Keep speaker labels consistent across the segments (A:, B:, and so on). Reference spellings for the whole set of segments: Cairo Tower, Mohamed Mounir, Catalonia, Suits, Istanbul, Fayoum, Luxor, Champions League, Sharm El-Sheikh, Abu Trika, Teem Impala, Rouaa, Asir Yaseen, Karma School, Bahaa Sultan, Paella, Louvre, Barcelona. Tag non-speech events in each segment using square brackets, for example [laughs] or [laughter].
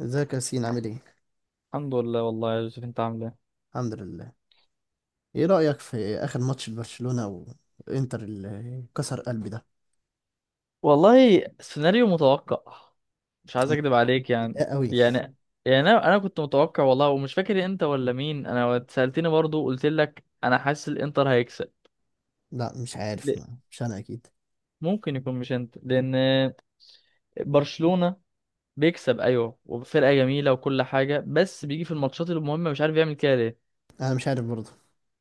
A: ازيك يا ياسين؟ عامل ايه؟
B: الحمد لله والله يا يوسف، انت عامل ايه؟
A: الحمد لله. ايه رأيك في اخر ماتش لبرشلونة وانتر اللي كسر قلبي ده؟
B: والله سيناريو متوقع. مش عايز اكدب عليك يعني.
A: متضايق قوي.
B: يعني يعني، انا كنت متوقع والله، ومش فاكر انت ولا مين. انا اتسالتني برضو قلت لك انا حاسس الانتر هيكسب.
A: لا مش عارف.
B: ل-
A: ما. مش انا اكيد.
B: ممكن يكون مش انت، لان برشلونة بيكسب ايوه، وفرقة جميلة وكل حاجة، بس بيجي في الماتشات المهمة مش عارف يعمل كده ليه.
A: انا مش عارف برضه،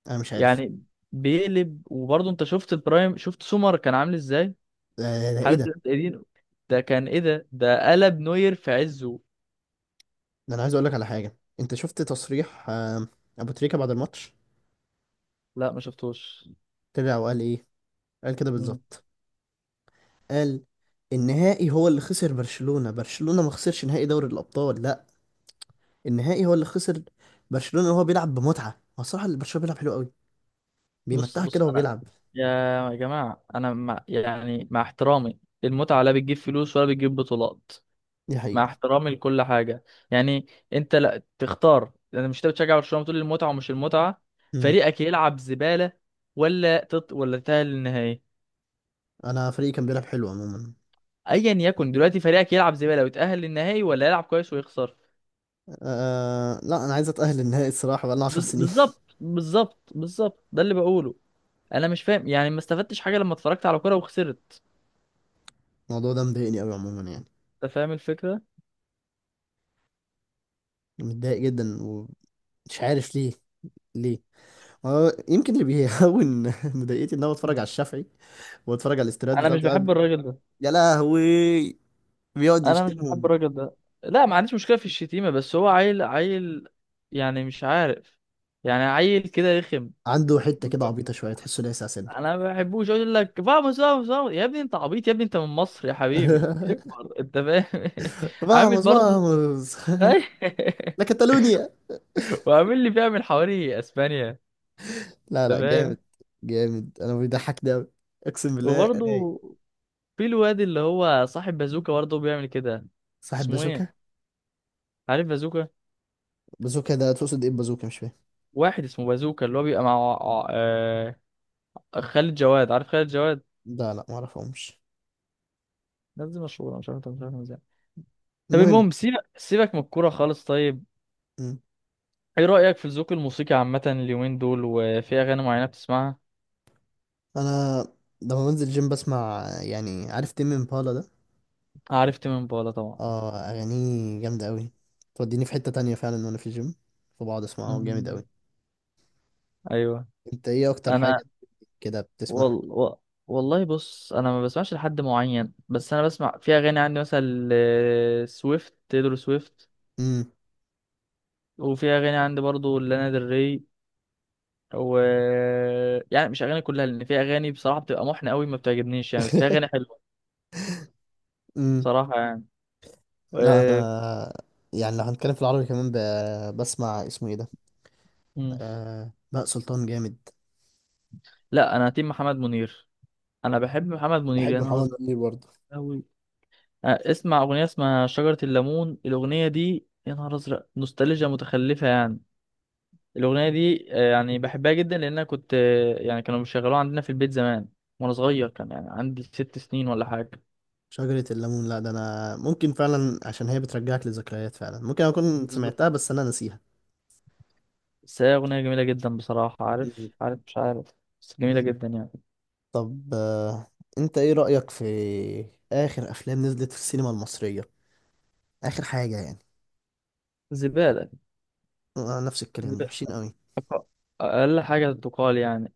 A: انا مش عارف.
B: يعني بيقلب، وبرضو انت شفت البرايم، شفت سومر كان عامل ازاي؟
A: ده, ده ايه
B: حارس
A: ده؟
B: الانتر، ده كان ايه؟ ده قلب نوير في عزه.
A: ده، انا عايز اقول لك على حاجة. انت شفت تصريح ابو تريكة بعد الماتش؟
B: لا، ما شفتوش.
A: طلع وقال ايه؟ قال كده
B: مم.
A: بالظبط. قال النهائي هو اللي خسر. برشلونة ما خسرش نهائي دوري الابطال، لا. النهائي هو اللي خسر. برشلونة وهو بيلعب بمتعة. هو الصراحة اللي برشلونة بيلعب حلو قوي،
B: بص
A: بيمتعك
B: بص،
A: كده وهو
B: انا
A: بيلعب.
B: يا جماعه، انا مع يعني مع احترامي، المتعه لا بتجيب فلوس ولا بتجيب بطولات.
A: دي
B: مع
A: حقيقة.
B: احترامي لكل حاجه يعني. انت لا تختار، انا مش، انت بتشجع برشلونه بتقول المتعه ومش المتعه.
A: مم.
B: فريقك يلعب زباله ولا ولا تتاهل للنهائي؟
A: انا فريقي كان بيلعب حلو عموما.
B: ايا يكن، دلوقتي فريقك يلعب زباله ويتاهل للنهائي، ولا يلعب كويس ويخسر؟
A: أه لا، انا عايز اتاهل النهائي الصراحه، بقالنا 10 سنين.
B: بالظبط بالظبط بالظبط، ده اللي بقوله. انا مش فاهم يعني، ما استفدتش حاجه لما اتفرجت على كوره وخسرت.
A: [laughs] الموضوع ده مضايقني قوي عموما يعني.
B: انت فاهم الفكره.
A: متضايق جدا ومش عارف ليه. ليه؟ هو يمكن اللي بيهون [laughs] مضايقتي ان انا بتفرج على الشافعي، واتفرج على الاستراد
B: انا مش
A: بتاعته
B: بحب
A: قاعد.
B: الراجل ده.
A: يا لهوي، بيقعد
B: انا مش بحب
A: يشتمهم.
B: الراجل ده. لا، ما عنديش مشكله في الشتيمه، بس هو عيل عيل. يعني مش عارف. يعني عيل كده رخم.
A: عنده حته كده عبيطه شويه، تحسه لاسع سنه.
B: انا ما بحبوش، اقول لك فاموس فاموس فاموس يا ابني، انت عبيط يا ابني، انت من مصر يا حبيبي،
A: [laughs]
B: اكبر. انت فاهم؟ [laughs] عامل
A: فاموس
B: برضه.
A: فاموس.
B: [laughs]
A: [laughs] لا، كاتالونيا.
B: وعامل لي بيعمل حواري اسبانيا، انت
A: لا لا،
B: فاهم؟
A: جامد. جامد. انا بيضحك ده أوي. اقسم بالله
B: وبرضه
A: رايق.
B: في الواد اللي هو صاحب بازوكا، برضه بيعمل كده.
A: صاحب
B: اسمه
A: بازوكا.
B: ايه؟ عارف بازوكا؟
A: بازوكا ده تقصد ايه؟ بازوكا مش فاهم.
B: واحد اسمه بازوكا، اللي هو بيبقى مع آه... خالد جواد، عارف خالد جواد؟
A: لا لا، معرفهمش.
B: الناس دي مشهوره، مش عارف انت مش عارف ازاي. طب،
A: المهم.
B: المهم، سيبك سيبك من الكوره خالص. طيب،
A: مم.
B: ايه رايك في الذوق الموسيقي عامه اليومين دول، وفي اغاني معينه بتسمعها؟
A: انا لما بنزل جيم بسمع، يعني عارف تيم امبالا ده؟
B: عارف تيمين بولا طبعا.
A: اه اغانيه جامده قوي. توديني في حته تانية فعلا وانا في الجيم، فبقعد اسمعه جامد
B: امم.
A: قوي.
B: ايوه.
A: انت ايه اكتر
B: انا،
A: حاجه كده بتسمعها؟
B: وال... و... والله، بص، انا ما بسمعش لحد معين، بس انا بسمع. في اغاني عندي مثلا سويفت، تيدرو سويفت.
A: امم.
B: وفي اغاني عندي برضو لانا ديل ري، و يعني مش اغاني كلها، لان في اغاني بصراحه بتبقى محنه قوي، ما بتعجبنيش يعني، بس في اغاني
A: [laughs]
B: حلوه.
A: امم.
B: بصراحه يعني.
A: لا
B: آه،
A: انا، يعني لو هنتكلم في العربي كمان بسمع اسمه ايه ده؟
B: مم.
A: بهاء سلطان جامد.
B: لا، انا تيم محمد منير. انا بحب محمد منير، يا
A: بحب
B: نهار
A: محمد
B: ازرق،
A: منير برضه.
B: قوي. اسمع اغنيه اسمها شجره الليمون، الاغنيه دي يا نهار ازرق نوستالجيا متخلفه يعني. الاغنيه دي يعني بحبها جدا، لان انا كنت يعني كانوا بيشغلوها عندنا في البيت زمان. وانا صغير، كان يعني عندي 6 سنين ولا حاجه.
A: شجرة الليمون؟ لا ده انا ممكن فعلا، عشان هي بترجعك لذكريات فعلا، ممكن اكون
B: بالظبط.
A: سمعتها بس انا ناسيها.
B: بس هي اغنيه جميله جدا بصراحه،
A: مم.
B: عارف، مش عارف. بس جميله جدا يعني.
A: طب انت ايه رأيك في اخر افلام نزلت في السينما المصرية؟ اخر حاجة يعني.
B: زباله.
A: نفس الكلام، ده
B: زبالة.
A: وحشين قوي.
B: أق- اقل حاجه تقال يعني.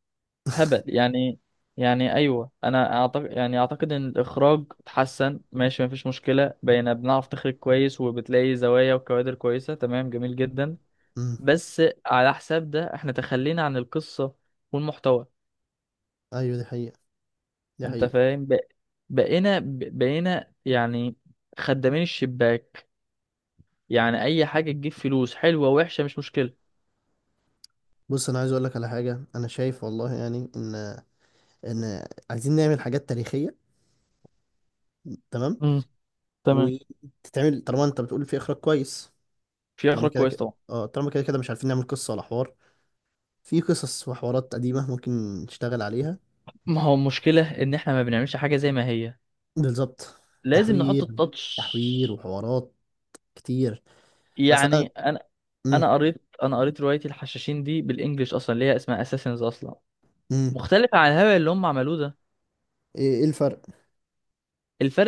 B: هبل يعني. يعني ايوه، انا اعتقد، يعني اعتقد ان الاخراج اتحسن، ماشي، مفيش مشكله، بقينا بنعرف نخرج كويس، وبتلاقي زوايا وكوادر كويسه، تمام، جميل جدا.
A: امم.
B: بس على حساب ده احنا تخلينا عن القصه والمحتوى.
A: ايوه دي حقيقة. دي
B: انت
A: حقيقة.
B: فاهم، بقينا بقينا يعني خدامين الشباك. يعني اي حاجه تجيب فلوس، حلوه وحشه مش مشكله.
A: بص انا عايز اقول لك على حاجة. انا شايف والله يعني ان، ان عايزين نعمل حاجات تاريخية. تمام.
B: امم. تمام.
A: وتتعمل طالما انت بتقول في اخراج كويس.
B: في
A: طالما
B: اخراج
A: كده
B: كويس
A: كده
B: طبعا.
A: اه، طالما كده كده مش عارفين نعمل قصة ولا حوار. في قصص وحوارات قديمة ممكن نشتغل عليها.
B: ما هو المشكله ان احنا ما بنعملش حاجه زي ما هي.
A: بالظبط.
B: لازم نحط
A: تحوير.
B: التاتش.
A: تحوير وحوارات كتير. بس أنا.
B: يعني انا
A: مم.
B: انا قريت انا قريت روايه الحشاشين دي بالانجلش اصلا، اللي هي اسمها اساسنز اصلا.
A: مم.
B: مختلفه عن الهبل اللي هم عملوه ده.
A: إيه؟ إيه الفرق؟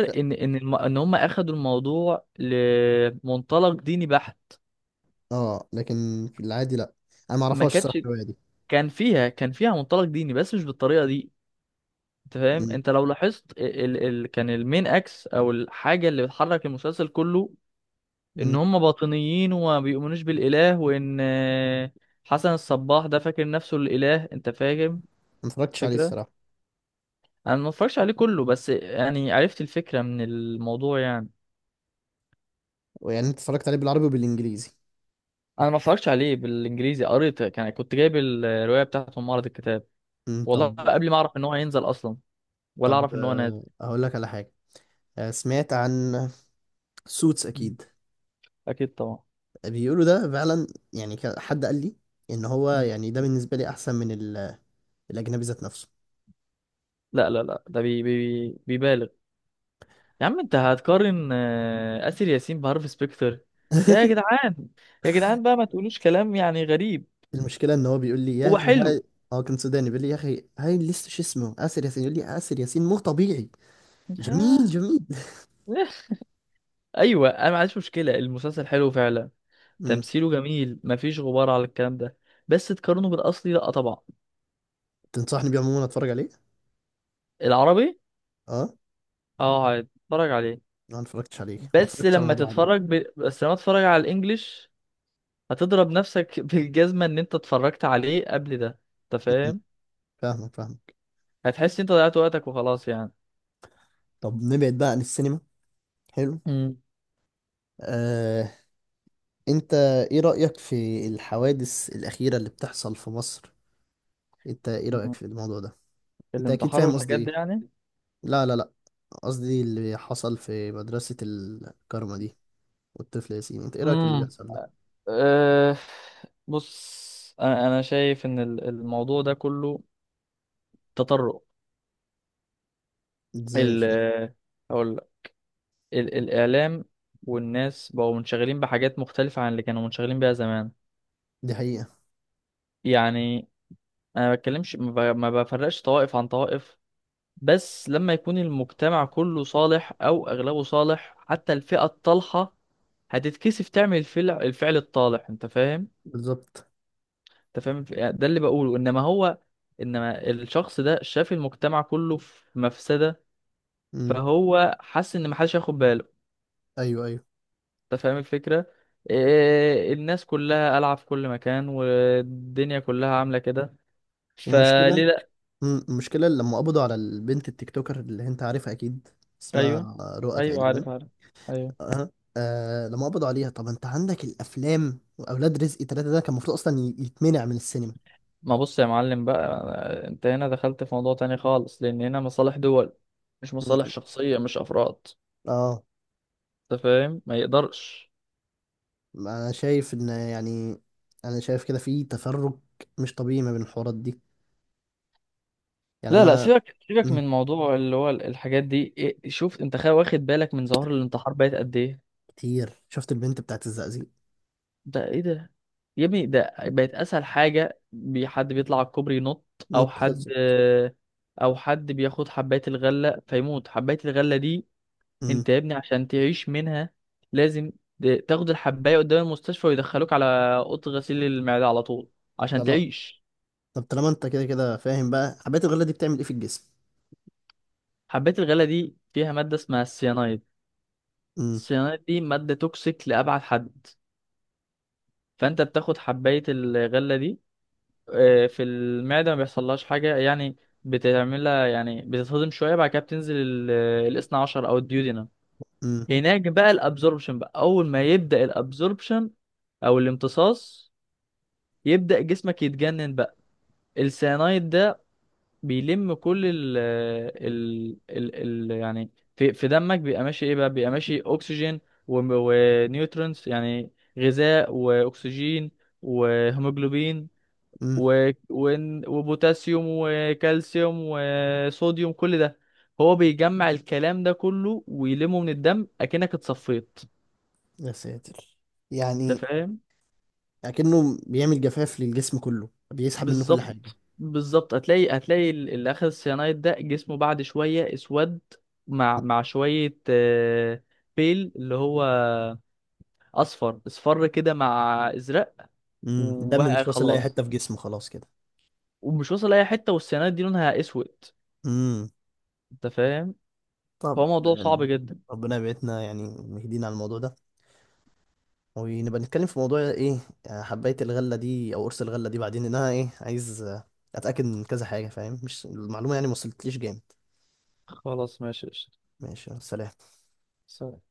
A: ش-
B: ان ان هم اخدوا الموضوع لمنطلق ديني بحت.
A: آه لكن في العادي لأ. أنا
B: ما
A: معرفهاش
B: كانتش.
A: الصراحة الرواية دي.
B: كان فيها منطلق ديني، بس مش بالطريقه دي. انت فاهم،
A: مم.
B: انت لو لاحظت كان المين اكس او الحاجه اللي بتحرك المسلسل كله، ان
A: مم.
B: هم باطنيين وما بيؤمنوش بالاله، وان حسن الصباح ده فاكر نفسه الاله. انت فاهم؟
A: ما اتفرجتش عليه
B: فكره.
A: الصراحة.
B: انا ما اتفرجش عليه كله، بس يعني عرفت الفكره من الموضوع يعني.
A: يعني أنت اتفرجت عليه بالعربي وبالإنجليزي؟
B: انا ما اتفرجش عليه بالانجليزي، قريت، كنت جايب الروايه بتاعته من معرض الكتاب.
A: مم.
B: والله
A: طب.
B: قبل ما اعرف ان هو هينزل اصلا، ولا
A: طب
B: اعرف ان هو نازل.
A: أقول لك على حاجة. سمعت عن سوتس
B: مم.
A: أكيد؟
B: اكيد طبعا.
A: بيقولوا ده فعلا. يعني حد قال لي إن هو
B: مم.
A: يعني ده بالنسبة لي أحسن من الأجنبي ذات نفسه.
B: لا، لا، لا، ده بي بي بيبالغ. يا عم، انت هتقارن اسر ياسين بهارفي سبيكتر؟ يا
A: [laughs]
B: جدعان، يا جدعان بقى، ما تقولوش كلام يعني غريب.
A: المشكله ان هو بيقول لي يا
B: هو
A: اخي هاي.
B: حلو.
A: هو كان سوداني بيقول لي يا اخي هاي لسه شو اسمه آسر ياسين، يقول لي آسر ياسين مو طبيعي.
B: آه.
A: جميل جميل. [laughs]
B: [laughs] ايوه، انا ما عنديش مشكله، المسلسل حلو فعلا.
A: امم.
B: تمثيله جميل، مفيش غبار على الكلام ده. بس تقارنه بالاصلي؟ لا طبعا.
A: تنصحني بيه عموما اتفرج عليه؟
B: العربي.
A: اه.
B: اه، هتتفرج عليه.
A: ما اتفرجتش عليه، ما اتفرجتش على الموضوع عليه.
B: بس لما تتفرج على الانجليش، هتضرب نفسك [laughs] بالجزمة ان انت اتفرجت عليه قبل ده، انت
A: أمم،
B: فاهم؟
A: فاهمك فاهمك.
B: هتحس انت ضيعت وقتك وخلاص يعني.
A: طب نبعد بقى عن السينما. حلو.
B: امم.
A: آه، انت ايه رأيك في الحوادث الأخيرة اللي بتحصل في مصر؟ انت ايه رأيك
B: مم.
A: في الموضوع ده؟ انت اكيد
B: الانتحار
A: فاهم قصدي
B: والحاجات دي
A: ايه.
B: يعني.
A: لا لا لا، قصدي اللي حصل في مدرسة الكارما دي والطفل ياسين. انت ايه رأيك في اللي
B: امم.
A: بيحصل ده؟
B: أه. بص، انا شايف ان الموضوع ده كله تطرق.
A: ازاي؟ مش
B: ال
A: فاهم.
B: ال الإعلام والناس بقوا منشغلين بحاجات مختلفة عن اللي كانوا منشغلين بيها زمان.
A: دي حقيقة.
B: يعني أنا ما بتكلمش، ما بفرقش طوائف عن طوائف. بس لما يكون المجتمع كله صالح أو أغلبه صالح، حتى الفئة الطالحة هتتكسف تعمل الفعل الطالح. أنت فاهم؟
A: بالظبط.
B: أنت فاهم؟ ده اللي بقوله. إنما الشخص ده شاف المجتمع كله في مفسدة.
A: امم.
B: فهو حس إن محدش هياخد باله.
A: ايوه ايوه.
B: انت فاهم الفكرة؟ إيه، الناس كلها قلعة في كل مكان والدنيا كلها عاملة كده.
A: والمشكلة.
B: فليه؟ لأ.
A: امم، المشكلة لما قبضوا على البنت التيك توكر اللي انت عارفها اكيد،
B: أيوه،
A: اسمها رؤى
B: أيوه،
A: تقريبا.
B: عارف، عارف، أيوه.
A: أه. آه لما قبضوا عليها، طب انت عندك الافلام واولاد رزق ثلاثة، ده كان المفروض اصلا يتمنع من السينما.
B: ما، بص يا معلم بقى، انت هنا دخلت في موضوع تاني خالص، لأن هنا مصالح دول. مش
A: مم.
B: مصالح شخصية، مش أفراد.
A: اه.
B: انت فاهم؟ ما يقدرش.
A: انا شايف ان يعني، انا شايف كده في تفرق مش طبيعي ما بين الحوارات دي. يعني
B: لا لا،
A: انا.
B: سيبك سيبك
A: مم.
B: من موضوع اللي هو الحاجات دي إيه، شوف انت، واخد بالك من ظواهر الانتحار بقت قد ايه؟
A: كتير. شفت البنت بتاعت الزقازيق؟
B: ده ايه ده؟ يا ابني، ده بقت اسهل حاجه، حد بيطلع على الكوبري ينط. او
A: نط
B: حد
A: خلصت.
B: او حد بياخد حبايه الغله فيموت. حبايه الغله دي، انت يا ابني عشان تعيش منها لازم تاخد الحبايه قدام المستشفى، ويدخلوك على اوضه غسيل المعده على طول، عشان
A: امم.
B: تعيش.
A: طب طالما انت كده كده فاهم بقى، حبات الغلة دي بتعمل ايه في الجسم؟
B: حبايه الغله دي فيها ماده اسمها السيانايد.
A: امم.
B: السيانايد دي ماده توكسيك لابعد حد. فانت بتاخد حبايه الغله دي، في المعدة ما بيحصلهاش حاجة يعني. بتعملها يعني بتتهضم شوية، بعد كده بتنزل الاثنى عشر أو الديودينم.
A: امم.
B: هناك بقى الابزوربشن، بقى أول ما يبدأ الابزوربشن أو الامتصاص، يبدأ جسمك يتجنن بقى. السيانايد ده بيلم كل ال آه، ال ال, ال يعني في دمك. بيبقى ماشي ايه بقى؟ بيبقى ماشي أكسجين ونيوترونز، يعني غذاء وأكسجين وهيموجلوبين
A: امم.
B: وبوتاسيوم وكالسيوم وصوديوم، كل ده هو بيجمع الكلام ده كله ويلمه من الدم، اكنك اتصفيت.
A: يا ساتر.
B: انت
A: يعني
B: فاهم؟
A: اكنه بيعمل جفاف للجسم كله، بيسحب منه كل حاجة.
B: بالظبط بالظبط، هتلاقي اللي اخذ السيانايد ده جسمه بعد شويه اسود، مع شويه بيل اللي هو اصفر اصفر كده، مع ازرق.
A: امم. الدم
B: وبقى
A: مش واصل لأي
B: خلاص،
A: حتة في جسمه خلاص كده.
B: ومش واصل اي حته، والسيانايد دي لونها اسود.
A: امم.
B: انت فاهم؟
A: طب
B: فهو موضوع صعب
A: يعني
B: جدا.
A: ربنا يبعدنا، يعني مهدينا على الموضوع ده. ونبقى نتكلم في موضوع ايه؟ حباية الغلة دي او قرص الغلة دي بعدين، لأن انا ايه عايز اتأكد من كذا حاجة، فاهم؟ مش المعلومة يعني ما وصلتليش جامد.
B: خلاص، ماشي، قشطة.
A: ماشي سلام.
B: سلام.